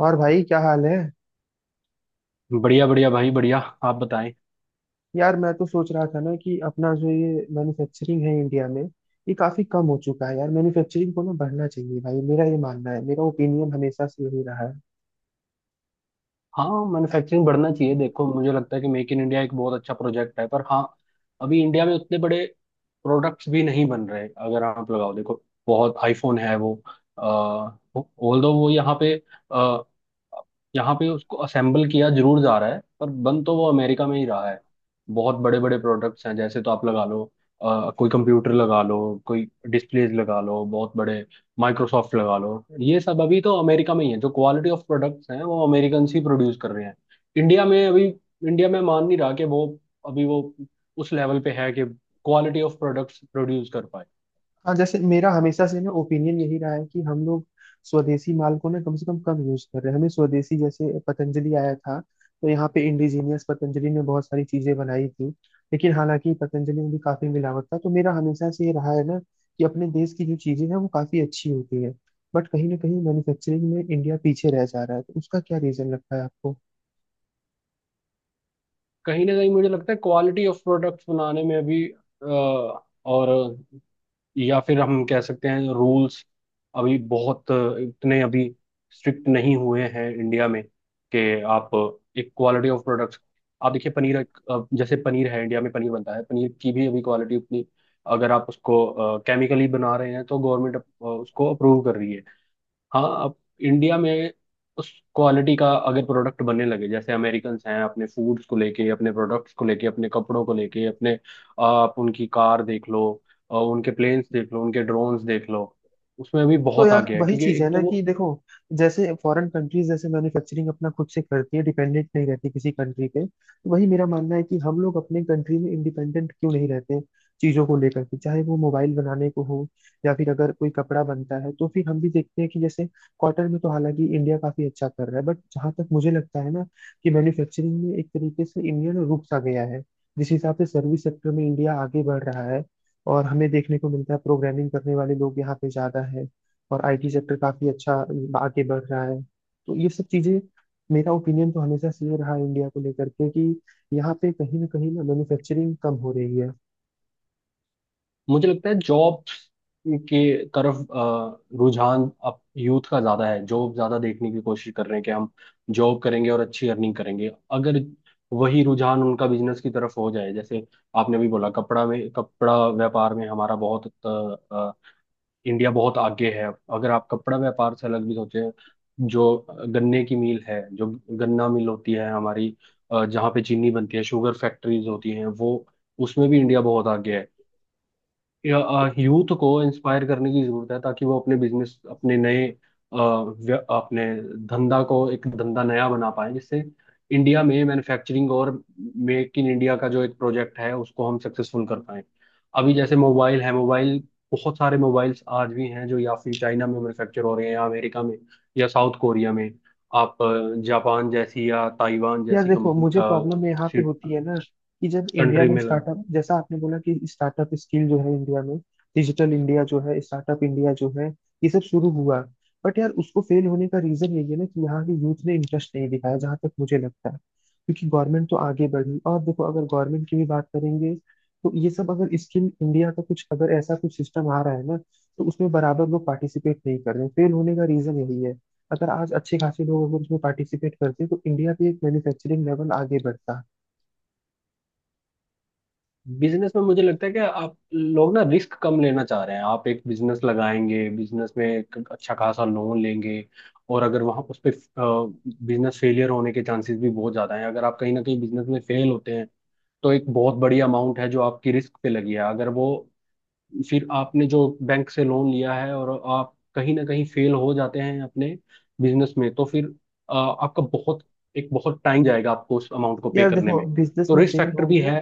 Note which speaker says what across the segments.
Speaker 1: और भाई क्या हाल है।
Speaker 2: बढ़िया बढ़िया भाई बढ़िया। आप बताएं।
Speaker 1: यार मैं तो सोच रहा था ना कि अपना जो ये मैन्युफैक्चरिंग है इंडिया में, ये काफी कम हो चुका है। यार मैन्युफैक्चरिंग को ना बढ़ना चाहिए भाई, मेरा ये मानना है, मेरा ओपिनियन हमेशा से यही रहा है।
Speaker 2: हाँ, मैन्युफैक्चरिंग बढ़ना चाहिए। देखो, मुझे लगता है कि मेक इन इंडिया एक बहुत अच्छा प्रोजेक्ट है, पर हाँ अभी इंडिया में उतने बड़े प्रोडक्ट्स भी नहीं बन रहे। अगर आप लगाओ, देखो बहुत आईफोन है। वो ऑल दो वो यहाँ पे अ, यहाँ पे उसको असेंबल किया जरूर जा रहा है, पर बन तो वो अमेरिका में ही रहा है। बहुत बड़े बड़े प्रोडक्ट्स हैं, जैसे तो आप लगा लो, कोई कंप्यूटर लगा लो, कोई डिस्प्लेज लगा लो। बहुत बड़े, माइक्रोसॉफ्ट लगा लो। ये सब अभी तो अमेरिका में ही है। जो क्वालिटी ऑफ प्रोडक्ट्स हैं वो अमेरिकन ही प्रोड्यूस कर रहे हैं। इंडिया में अभी, इंडिया में मान नहीं रहा कि वो अभी वो उस लेवल पे है कि क्वालिटी ऑफ प्रोडक्ट्स प्रोड्यूस कर पाए।
Speaker 1: हाँ, जैसे मेरा हमेशा से ना ओपिनियन यही रहा है कि हम लोग स्वदेशी माल को ना कम से कम कम यूज कर रहे हैं। हमें स्वदेशी जैसे पतंजलि आया था तो यहाँ पे इंडिजीनियस पतंजलि ने बहुत सारी चीजें बनाई थी, लेकिन हालांकि पतंजलि में भी काफी मिलावट था। तो मेरा हमेशा से ये रहा है ना कि अपने देश की जो चीजें हैं वो काफी अच्छी होती है। बट कहीं ना कहीं मैन्युफैक्चरिंग में इंडिया पीछे रह जा रहा है, तो उसका क्या रीजन लगता है आपको।
Speaker 2: कहीं ना कहीं मुझे लगता है क्वालिटी ऑफ प्रोडक्ट्स बनाने में अभी अ, और, या फिर हम कह सकते हैं रूल्स अभी बहुत, इतने अभी स्ट्रिक्ट नहीं हुए हैं इंडिया में कि आप एक क्वालिटी ऑफ प्रोडक्ट्स। आप देखिए पनीर, जैसे पनीर है, इंडिया में पनीर बनता है, पनीर की भी अभी क्वालिटी उतनी। अगर आप उसको केमिकली बना रहे हैं तो गवर्नमेंट उसको अप्रूव कर रही है। हाँ, अब इंडिया में उस क्वालिटी का अगर प्रोडक्ट बनने लगे, जैसे अमेरिकन्स हैं अपने फूड्स को लेके, अपने प्रोडक्ट्स को लेके, अपने कपड़ों को लेके, अपने, आप उनकी कार देख लो, उनके प्लेन्स देख लो, उनके ड्रोन्स देख लो। उसमें भी
Speaker 1: तो
Speaker 2: बहुत
Speaker 1: यार
Speaker 2: आगे है
Speaker 1: वही
Speaker 2: क्योंकि
Speaker 1: चीज है
Speaker 2: एक
Speaker 1: ना,
Speaker 2: तो
Speaker 1: कि
Speaker 2: वो।
Speaker 1: देखो जैसे फॉरेन कंट्रीज जैसे मैन्युफैक्चरिंग अपना खुद से करती है, डिपेंडेंट नहीं रहती किसी कंट्री पे, तो वही मेरा मानना है कि हम लोग अपने कंट्री में इंडिपेंडेंट क्यों नहीं रहते चीजों को लेकर के, चाहे वो मोबाइल बनाने को हो या फिर अगर कोई कपड़ा बनता है। तो फिर हम भी देखते हैं कि जैसे कॉटन में तो हालांकि इंडिया काफी अच्छा कर रहा है, बट जहां तक मुझे लगता है ना कि मैन्युफैक्चरिंग में एक तरीके से इंडिया ना रुक सा गया है। जिस हिसाब से सर्विस सेक्टर में इंडिया आगे बढ़ रहा है, और हमें देखने को मिलता है प्रोग्रामिंग करने वाले लोग यहाँ पे ज्यादा है, और आईटी सेक्टर काफी अच्छा आगे बढ़ रहा है। तो ये सब चीजें, मेरा ओपिनियन तो हमेशा से ये रहा इंडिया को लेकर के, कि यहाँ पे कहीं ना मैन्युफैक्चरिंग कम हो रही है।
Speaker 2: मुझे लगता है जॉब्स के तरफ रुझान अब यूथ का ज्यादा है। जॉब ज्यादा देखने की कोशिश कर रहे हैं कि हम जॉब करेंगे और अच्छी अर्निंग करेंगे। अगर वही रुझान उनका बिजनेस की तरफ हो जाए, जैसे आपने अभी बोला कपड़ा में, कपड़ा व्यापार में हमारा बहुत अ, इंडिया बहुत आगे है। अगर आप कपड़ा व्यापार से अलग भी सोचें, जो गन्ने की मिल है, जो गन्ना मिल होती है हमारी, जहाँ पे चीनी बनती है, शुगर फैक्ट्रीज होती हैं, वो उसमें भी इंडिया बहुत आगे है। या, यूथ को इंस्पायर करने की जरूरत है ताकि वो अपने बिजनेस, अपने नए अपने धंधा को, एक धंधा नया बना पाए, जिससे इंडिया में मैन्युफैक्चरिंग और मेक इन इंडिया का जो एक प्रोजेक्ट है उसको हम सक्सेसफुल कर पाए। अभी जैसे मोबाइल है, मोबाइल, बहुत सारे मोबाइल्स आज भी हैं जो या फिर चाइना में मैन्युफैक्चर हो रहे हैं, या अमेरिका में, या साउथ कोरिया में। आप जापान जैसी या ताइवान
Speaker 1: यार
Speaker 2: जैसी
Speaker 1: देखो,
Speaker 2: कंपनी,
Speaker 1: मुझे प्रॉब्लम यहाँ पे होती है ना कि जब इंडिया
Speaker 2: कंट्री
Speaker 1: में
Speaker 2: में।
Speaker 1: स्टार्टअप, जैसा आपने बोला कि स्टार्टअप स्किल जो है इंडिया में, डिजिटल इंडिया जो है, स्टार्टअप इंडिया जो है, ये सब शुरू हुआ। बट यार उसको फेल होने का रीजन यही है ना कि यहाँ के यूथ ने इंटरेस्ट नहीं दिखाया, जहां तक मुझे लगता है। क्योंकि गवर्नमेंट तो आगे बढ़ी, और देखो अगर गवर्नमेंट की भी बात करेंगे, तो ये सब अगर स्किल इंडिया का कुछ, अगर ऐसा कुछ सिस्टम आ रहा है ना, तो उसमें बराबर लोग पार्टिसिपेट नहीं कर रहे हैं। फेल होने का रीजन यही है। अगर आज अच्छे खासे लोग अगर उसमें पार्टिसिपेट करते तो इंडिया भी एक मैन्युफैक्चरिंग लेवल आगे बढ़ता।
Speaker 2: बिजनेस में मुझे लगता है कि आप लोग ना रिस्क कम लेना चाह रहे हैं। आप एक बिजनेस लगाएंगे, बिजनेस में एक अच्छा खासा लोन लेंगे, और अगर वहाँ उस पे बिजनेस फेलियर होने के चांसेस भी बहुत ज़्यादा हैं। अगर आप कहीं ना कहीं बिजनेस में फेल होते हैं, तो एक बहुत बड़ी अमाउंट है जो आपकी रिस्क पे लगी है। अगर वो, फिर आपने जो बैंक से लोन लिया है, और आप कहीं ना कहीं फेल हो जाते हैं अपने बिजनेस में, तो फिर आपका बहुत, एक बहुत टाइम जाएगा आपको उस अमाउंट को पे
Speaker 1: यार
Speaker 2: करने
Speaker 1: देखो
Speaker 2: में।
Speaker 1: बिजनेस
Speaker 2: तो
Speaker 1: में
Speaker 2: रिस्क
Speaker 1: फेल
Speaker 2: फैक्टर भी
Speaker 1: होंगे।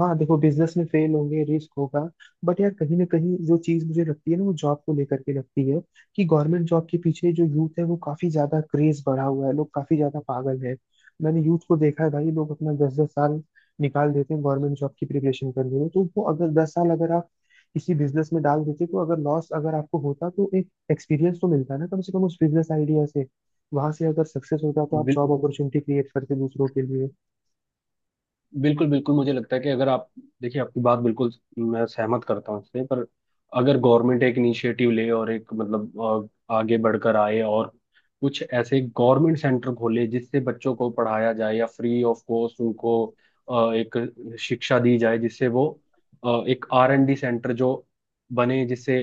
Speaker 1: हाँ देखो, बिजनेस में फेल होंगे, रिस्क होगा, बट यार कहीं ना कहीं जो चीज मुझे लगती है ना वो जॉब को लेकर के लगती है। कि गवर्नमेंट जॉब के पीछे जो यूथ है वो काफी ज्यादा क्रेज बढ़ा हुआ है, लोग काफी ज्यादा पागल है। मैंने यूथ को देखा है भाई, लोग अपना 10 साल निकाल देते हैं गवर्नमेंट जॉब की प्रिपरेशन करने में। तो वो अगर 10 साल अगर आप किसी बिजनेस में डाल देते, तो अगर लॉस अगर आपको होता तो एक एक्सपीरियंस तो मिलता ना कम से कम उस बिजनेस आइडिया से। वहां से अगर सक्सेस होता तो आप
Speaker 2: है।
Speaker 1: जॉब अपॉर्चुनिटी क्रिएट करते दूसरों के लिए।
Speaker 2: बिल्कुल बिल्कुल, मुझे लगता है कि अगर आप, देखिए आपकी बात बिल्कुल मैं सहमत करता हूँ इससे, पर अगर गवर्नमेंट एक इनिशिएटिव ले और एक मतलब आगे बढ़कर आए, और कुछ ऐसे गवर्नमेंट सेंटर खोले जिससे बच्चों को पढ़ाया जाए, या फ्री ऑफ कॉस्ट उनको एक शिक्षा दी जाए, जिससे वो एक R&D सेंटर जो बने, जिससे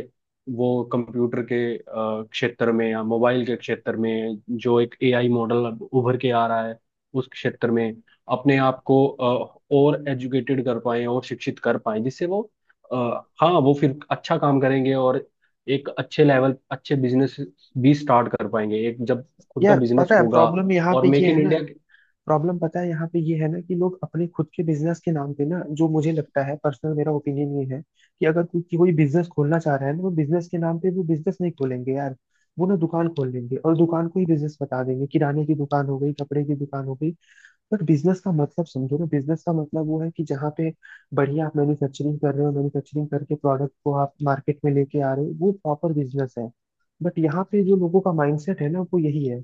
Speaker 2: वो कंप्यूटर के क्षेत्र में या मोबाइल के क्षेत्र में जो एक एआई मॉडल उभर के आ रहा है, उस क्षेत्र में अपने आप को और एजुकेटेड कर पाए और शिक्षित कर पाए, जिससे वो अ, हाँ वो फिर अच्छा काम करेंगे, और एक अच्छे लेवल, अच्छे बिजनेस भी स्टार्ट कर पाएंगे। एक जब खुद का
Speaker 1: यार
Speaker 2: बिजनेस
Speaker 1: पता है
Speaker 2: होगा,
Speaker 1: प्रॉब्लम यहाँ
Speaker 2: और
Speaker 1: पे ये
Speaker 2: मेक
Speaker 1: है
Speaker 2: इन
Speaker 1: ना,
Speaker 2: इंडिया।
Speaker 1: प्रॉब्लम पता है यहाँ पे ये है ना, कि लोग अपने खुद के बिजनेस के नाम पे ना, जो मुझे लगता है पर्सनल मेरा ओपिनियन ये है कि अगर कोई, कि कोई बिजनेस खोलना चाह रहा है ना, वो बिजनेस के नाम पे वो बिजनेस नहीं खोलेंगे यार। वो ना दुकान खोल लेंगे और दुकान को ही बिजनेस बता देंगे, किराने की दुकान हो गई, कपड़े की दुकान हो गई। बट बिजनेस का मतलब समझो ना, बिजनेस का मतलब वो है कि जहाँ पे बढ़िया आप मैन्युफैक्चरिंग कर रहे हो, मैन्युफैक्चरिंग करके प्रोडक्ट को आप मार्केट में लेके आ रहे हो, वो प्रॉपर बिजनेस है। बट यहाँ पे जो लोगों का माइंडसेट है ना वो यही है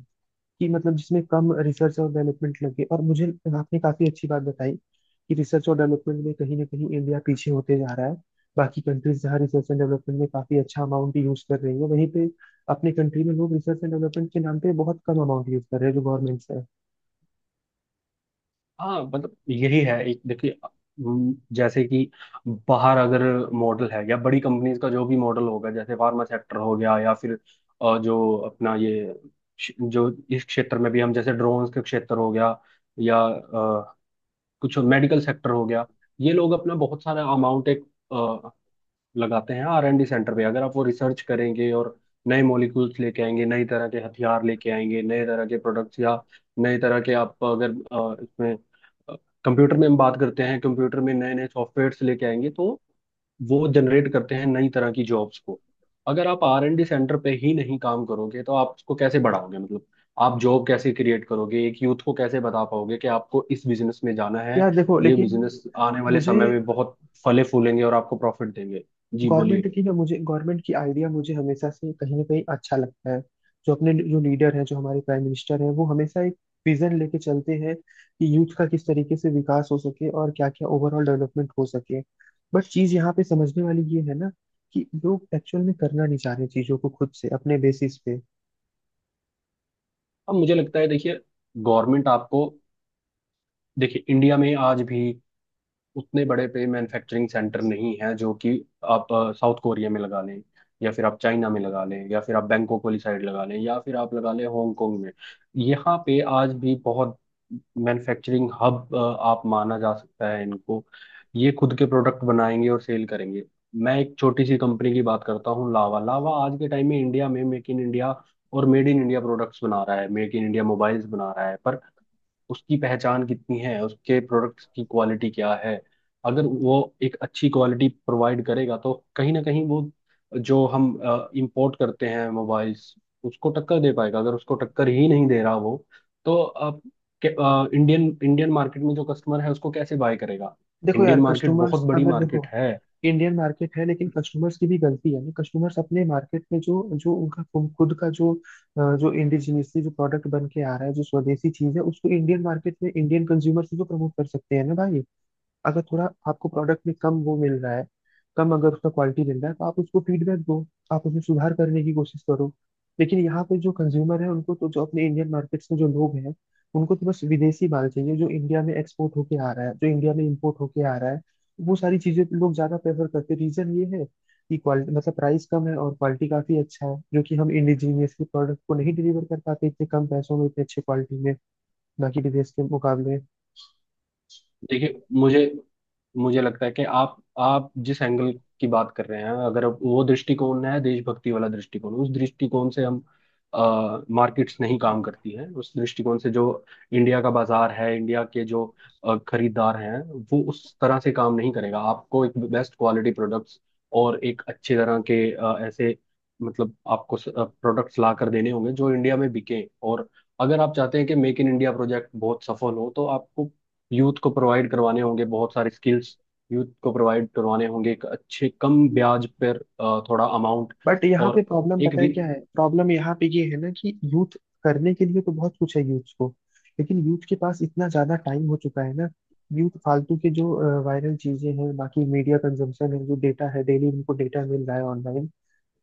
Speaker 1: कि मतलब जिसमें कम रिसर्च और डेवलपमेंट लगे। और मुझे, आपने काफी अच्छी बात बताई कि रिसर्च और डेवलपमेंट में कहीं ना कहीं इंडिया पीछे होते जा रहा है। बाकी कंट्रीज जहाँ रिसर्च एंड डेवलपमेंट में काफी अच्छा अमाउंट यूज कर रही है, वहीं पे अपने कंट्री में लोग रिसर्च एंड डेवलपमेंट के नाम पे बहुत कम अमाउंट यूज कर रहे हैं जो गवर्नमेंट से है।
Speaker 2: हाँ, मतलब यही है, एक देखिए जैसे कि बाहर अगर मॉडल है, या बड़ी कंपनीज का जो भी मॉडल होगा, जैसे फार्मा सेक्टर हो गया, या फिर जो अपना ये जो इस क्षेत्र में भी हम, जैसे ड्रोन्स के क्षेत्र हो गया, या कुछ मेडिकल सेक्टर हो गया, ये लोग अपना बहुत सारा अमाउंट एक अ, लगाते हैं R&D सेंटर पे। अगर आप वो रिसर्च करेंगे और नए मॉलिक्यूल्स लेके आएंगे, नई तरह के हथियार लेके आएंगे, नए तरह के प्रोडक्ट्स, या नए तरह के आप अगर इसमें कंप्यूटर में हम बात करते हैं, कंप्यूटर में नए नए सॉफ्टवेयर्स लेके आएंगे, तो वो जनरेट करते हैं नई तरह की जॉब्स को। अगर आप R&D सेंटर पे ही नहीं काम करोगे, तो आप उसको कैसे बढ़ाओगे? मतलब आप जॉब कैसे क्रिएट करोगे? एक यूथ को कैसे बता पाओगे कि आपको इस बिजनेस में जाना है,
Speaker 1: यार देखो
Speaker 2: ये
Speaker 1: लेकिन
Speaker 2: बिजनेस आने वाले
Speaker 1: मुझे
Speaker 2: समय में बहुत फले फूलेंगे और आपको प्रॉफिट देंगे। जी
Speaker 1: गवर्नमेंट
Speaker 2: बोलिए।
Speaker 1: की ना मुझे गवर्नमेंट की आइडिया मुझे हमेशा से कहीं ना कहीं अच्छा लगता है। जो अपने जो लीडर हैं, जो हमारे प्राइम मिनिस्टर हैं, वो हमेशा एक विजन लेके चलते हैं कि यूथ का किस तरीके से विकास हो सके और क्या क्या ओवरऑल डेवलपमेंट हो सके। बट चीज यहाँ पे समझने वाली ये है ना कि लोग एक्चुअल में करना नहीं चाह रहे चीजों को खुद से अपने बेसिस पे।
Speaker 2: अब मुझे लगता है, देखिए गवर्नमेंट आपको, देखिए इंडिया में आज भी उतने बड़े पे मैन्युफैक्चरिंग सेंटर नहीं है जो कि आप साउथ कोरिया में लगा लें, या फिर आप चाइना में लगा लें, या फिर आप बैंकॉक वाली साइड लगा लें, या फिर आप लगा लें हांगकांग में। यहाँ पे आज भी बहुत मैन्युफैक्चरिंग हब आप माना जा सकता है इनको। ये खुद के प्रोडक्ट बनाएंगे और सेल करेंगे। मैं एक छोटी सी कंपनी की बात करता हूँ, लावा। लावा आज के टाइम में इंडिया में मेक इन इंडिया और मेड इन इंडिया प्रोडक्ट्स बना रहा है, मेक इन इंडिया मोबाइल्स बना रहा है, पर उसकी पहचान कितनी है? उसके प्रोडक्ट्स की क्वालिटी क्या है? अगर वो एक अच्छी क्वालिटी प्रोवाइड करेगा, तो कहीं ना कहीं वो जो हम इंपोर्ट करते हैं मोबाइल्स उसको टक्कर दे पाएगा। अगर उसको टक्कर ही नहीं दे रहा वो, तो आप इंडियन, इंडियन मार्केट में जो कस्टमर है उसको कैसे बाय करेगा?
Speaker 1: देखो यार,
Speaker 2: इंडियन मार्केट बहुत
Speaker 1: कस्टमर्स
Speaker 2: बड़ी
Speaker 1: अगर
Speaker 2: मार्केट
Speaker 1: देखो,
Speaker 2: है।
Speaker 1: इंडियन मार्केट है लेकिन कस्टमर्स की भी गलती है ना। कस्टमर्स अपने मार्केट में जो जो उनका खुद का जो जो इंडिजिनियसली जो प्रोडक्ट बन के आ रहा है, जो स्वदेशी चीज है, उसको इंडियन मार्केट में इंडियन कंज्यूमर से जो प्रमोट कर सकते हैं ना भाई। अगर थोड़ा आपको प्रोडक्ट में कम वो मिल रहा है, कम अगर उसका क्वालिटी मिल रहा है, तो आप उसको फीडबैक दो, आप उसमें सुधार करने की कोशिश करो। लेकिन यहाँ पे जो कंज्यूमर है उनको तो, जो अपने इंडियन मार्केट्स में जो लोग हैं, उनको तो बस विदेशी माल चाहिए, जो इंडिया में एक्सपोर्ट होके आ रहा है, जो इंडिया में इम्पोर्ट होके आ रहा है, वो सारी चीजें लोग ज्यादा प्रेफर करते हैं। रीजन ये है कि क्वालिटी, मतलब प्राइस कम है और क्वालिटी काफी अच्छा है, जो कि हम इंडिजीनियस के प्रोडक्ट को नहीं डिलीवर कर पाते इतने कम पैसों में, इतने अच्छे क्वालिटी में, बाकी विदेश के मुकाबले।
Speaker 2: देखिए मुझे मुझे लगता है कि आप जिस एंगल की बात कर रहे हैं, अगर वो दृष्टिकोण है देशभक्ति वाला दृष्टिकोण, उस दृष्टिकोण से हम, मार्केट्स नहीं काम करती हैं उस दृष्टिकोण से। जो इंडिया का बाजार है, इंडिया के जो खरीदार हैं, वो उस तरह से काम नहीं करेगा। आपको एक बेस्ट क्वालिटी प्रोडक्ट्स और एक अच्छे तरह के ऐसे, मतलब आपको प्रोडक्ट्स ला कर देने होंगे जो इंडिया में बिके। और अगर आप चाहते हैं कि मेक इन इंडिया प्रोजेक्ट बहुत सफल हो, तो आपको यूथ को प्रोवाइड करवाने होंगे बहुत सारे स्किल्स। यूथ को प्रोवाइड करवाने होंगे एक अच्छे कम ब्याज पर थोड़ा अमाउंट,
Speaker 1: बट यहाँ पे
Speaker 2: और
Speaker 1: प्रॉब्लम
Speaker 2: एक
Speaker 1: पता है
Speaker 2: रि-।
Speaker 1: क्या है, प्रॉब्लम यहाँ पे ये है ना कि यूथ करने के लिए तो बहुत कुछ है यूथ को, लेकिन यूथ के पास इतना ज्यादा टाइम हो चुका है ना। यूथ फालतू के जो वायरल चीजें हैं, बाकी मीडिया कंजम्पशन है, जो डेटा है डेली उनको डेटा मिल रहा है ऑनलाइन,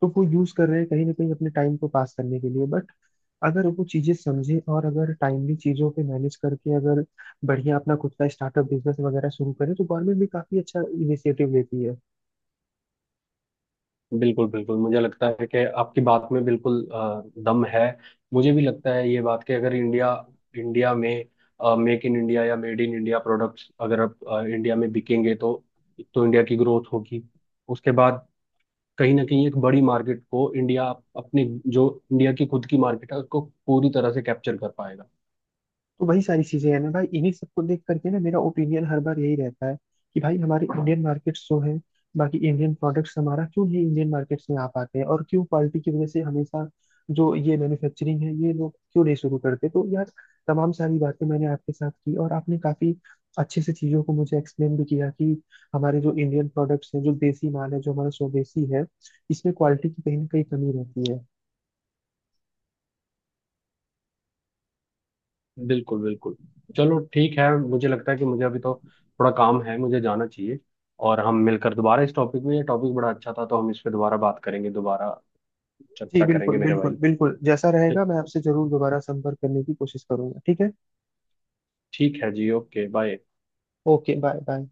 Speaker 1: तो वो यूज कर रहे हैं कहीं ना कहीं अपने टाइम को पास करने के लिए। बट अगर वो चीजें समझे और अगर टाइमली चीजों पे मैनेज करके अगर बढ़िया अपना खुद का स्टार्टअप बिजनेस वगैरह शुरू करे, तो गवर्नमेंट भी काफी अच्छा इनिशिएटिव लेती है।
Speaker 2: बिल्कुल बिल्कुल, मुझे लगता है कि आपकी बात में बिल्कुल दम है। मुझे भी लगता है ये बात, कि अगर इंडिया, इंडिया में मेक इन इंडिया या मेड इन इंडिया प्रोडक्ट्स अगर आप इंडिया में बिकेंगे, तो इंडिया की ग्रोथ होगी। उसके बाद कहीं ना कहीं एक बड़ी मार्केट को इंडिया अपने, जो इंडिया की खुद की मार्केट है उसको पूरी तरह से कैप्चर कर पाएगा।
Speaker 1: तो वही सारी चीजें हैं ना भाई, इन्हीं सबको देख करके ना मेरा ओपिनियन हर बार यही रहता है कि भाई हमारे इंडियन मार्केट्स जो है, बाकी इंडियन प्रोडक्ट्स हमारा क्यों नहीं इंडियन मार्केट्स में आ पाते हैं, और क्यों क्वालिटी की वजह से हमेशा जो ये मैन्युफैक्चरिंग है ये लोग क्यों नहीं शुरू करते। तो यार तमाम सारी बातें मैंने आपके साथ की, और आपने काफी अच्छे से चीजों को मुझे एक्सप्लेन भी किया कि हमारे जो इंडियन प्रोडक्ट्स हैं, जो देसी माल है, जो हमारा स्वदेशी है, इसमें क्वालिटी की कहीं ना कहीं कमी रहती है।
Speaker 2: बिल्कुल बिल्कुल। चलो ठीक है, मुझे लगता है कि मुझे अभी तो थोड़ा काम है, मुझे जाना चाहिए। और हम मिलकर दोबारा इस टॉपिक में, ये टॉपिक बड़ा अच्छा था, तो हम इस पे दोबारा बात करेंगे, दोबारा
Speaker 1: जी
Speaker 2: चर्चा करेंगे
Speaker 1: बिल्कुल,
Speaker 2: मेरे भाई।
Speaker 1: बिल्कुल, बिल्कुल जैसा
Speaker 2: ठीक।
Speaker 1: रहेगा मैं आपसे जरूर दोबारा संपर्क करने की कोशिश करूंगा, ठीक है।
Speaker 2: ठीक है जी, okay bye.
Speaker 1: Okay, bye bye.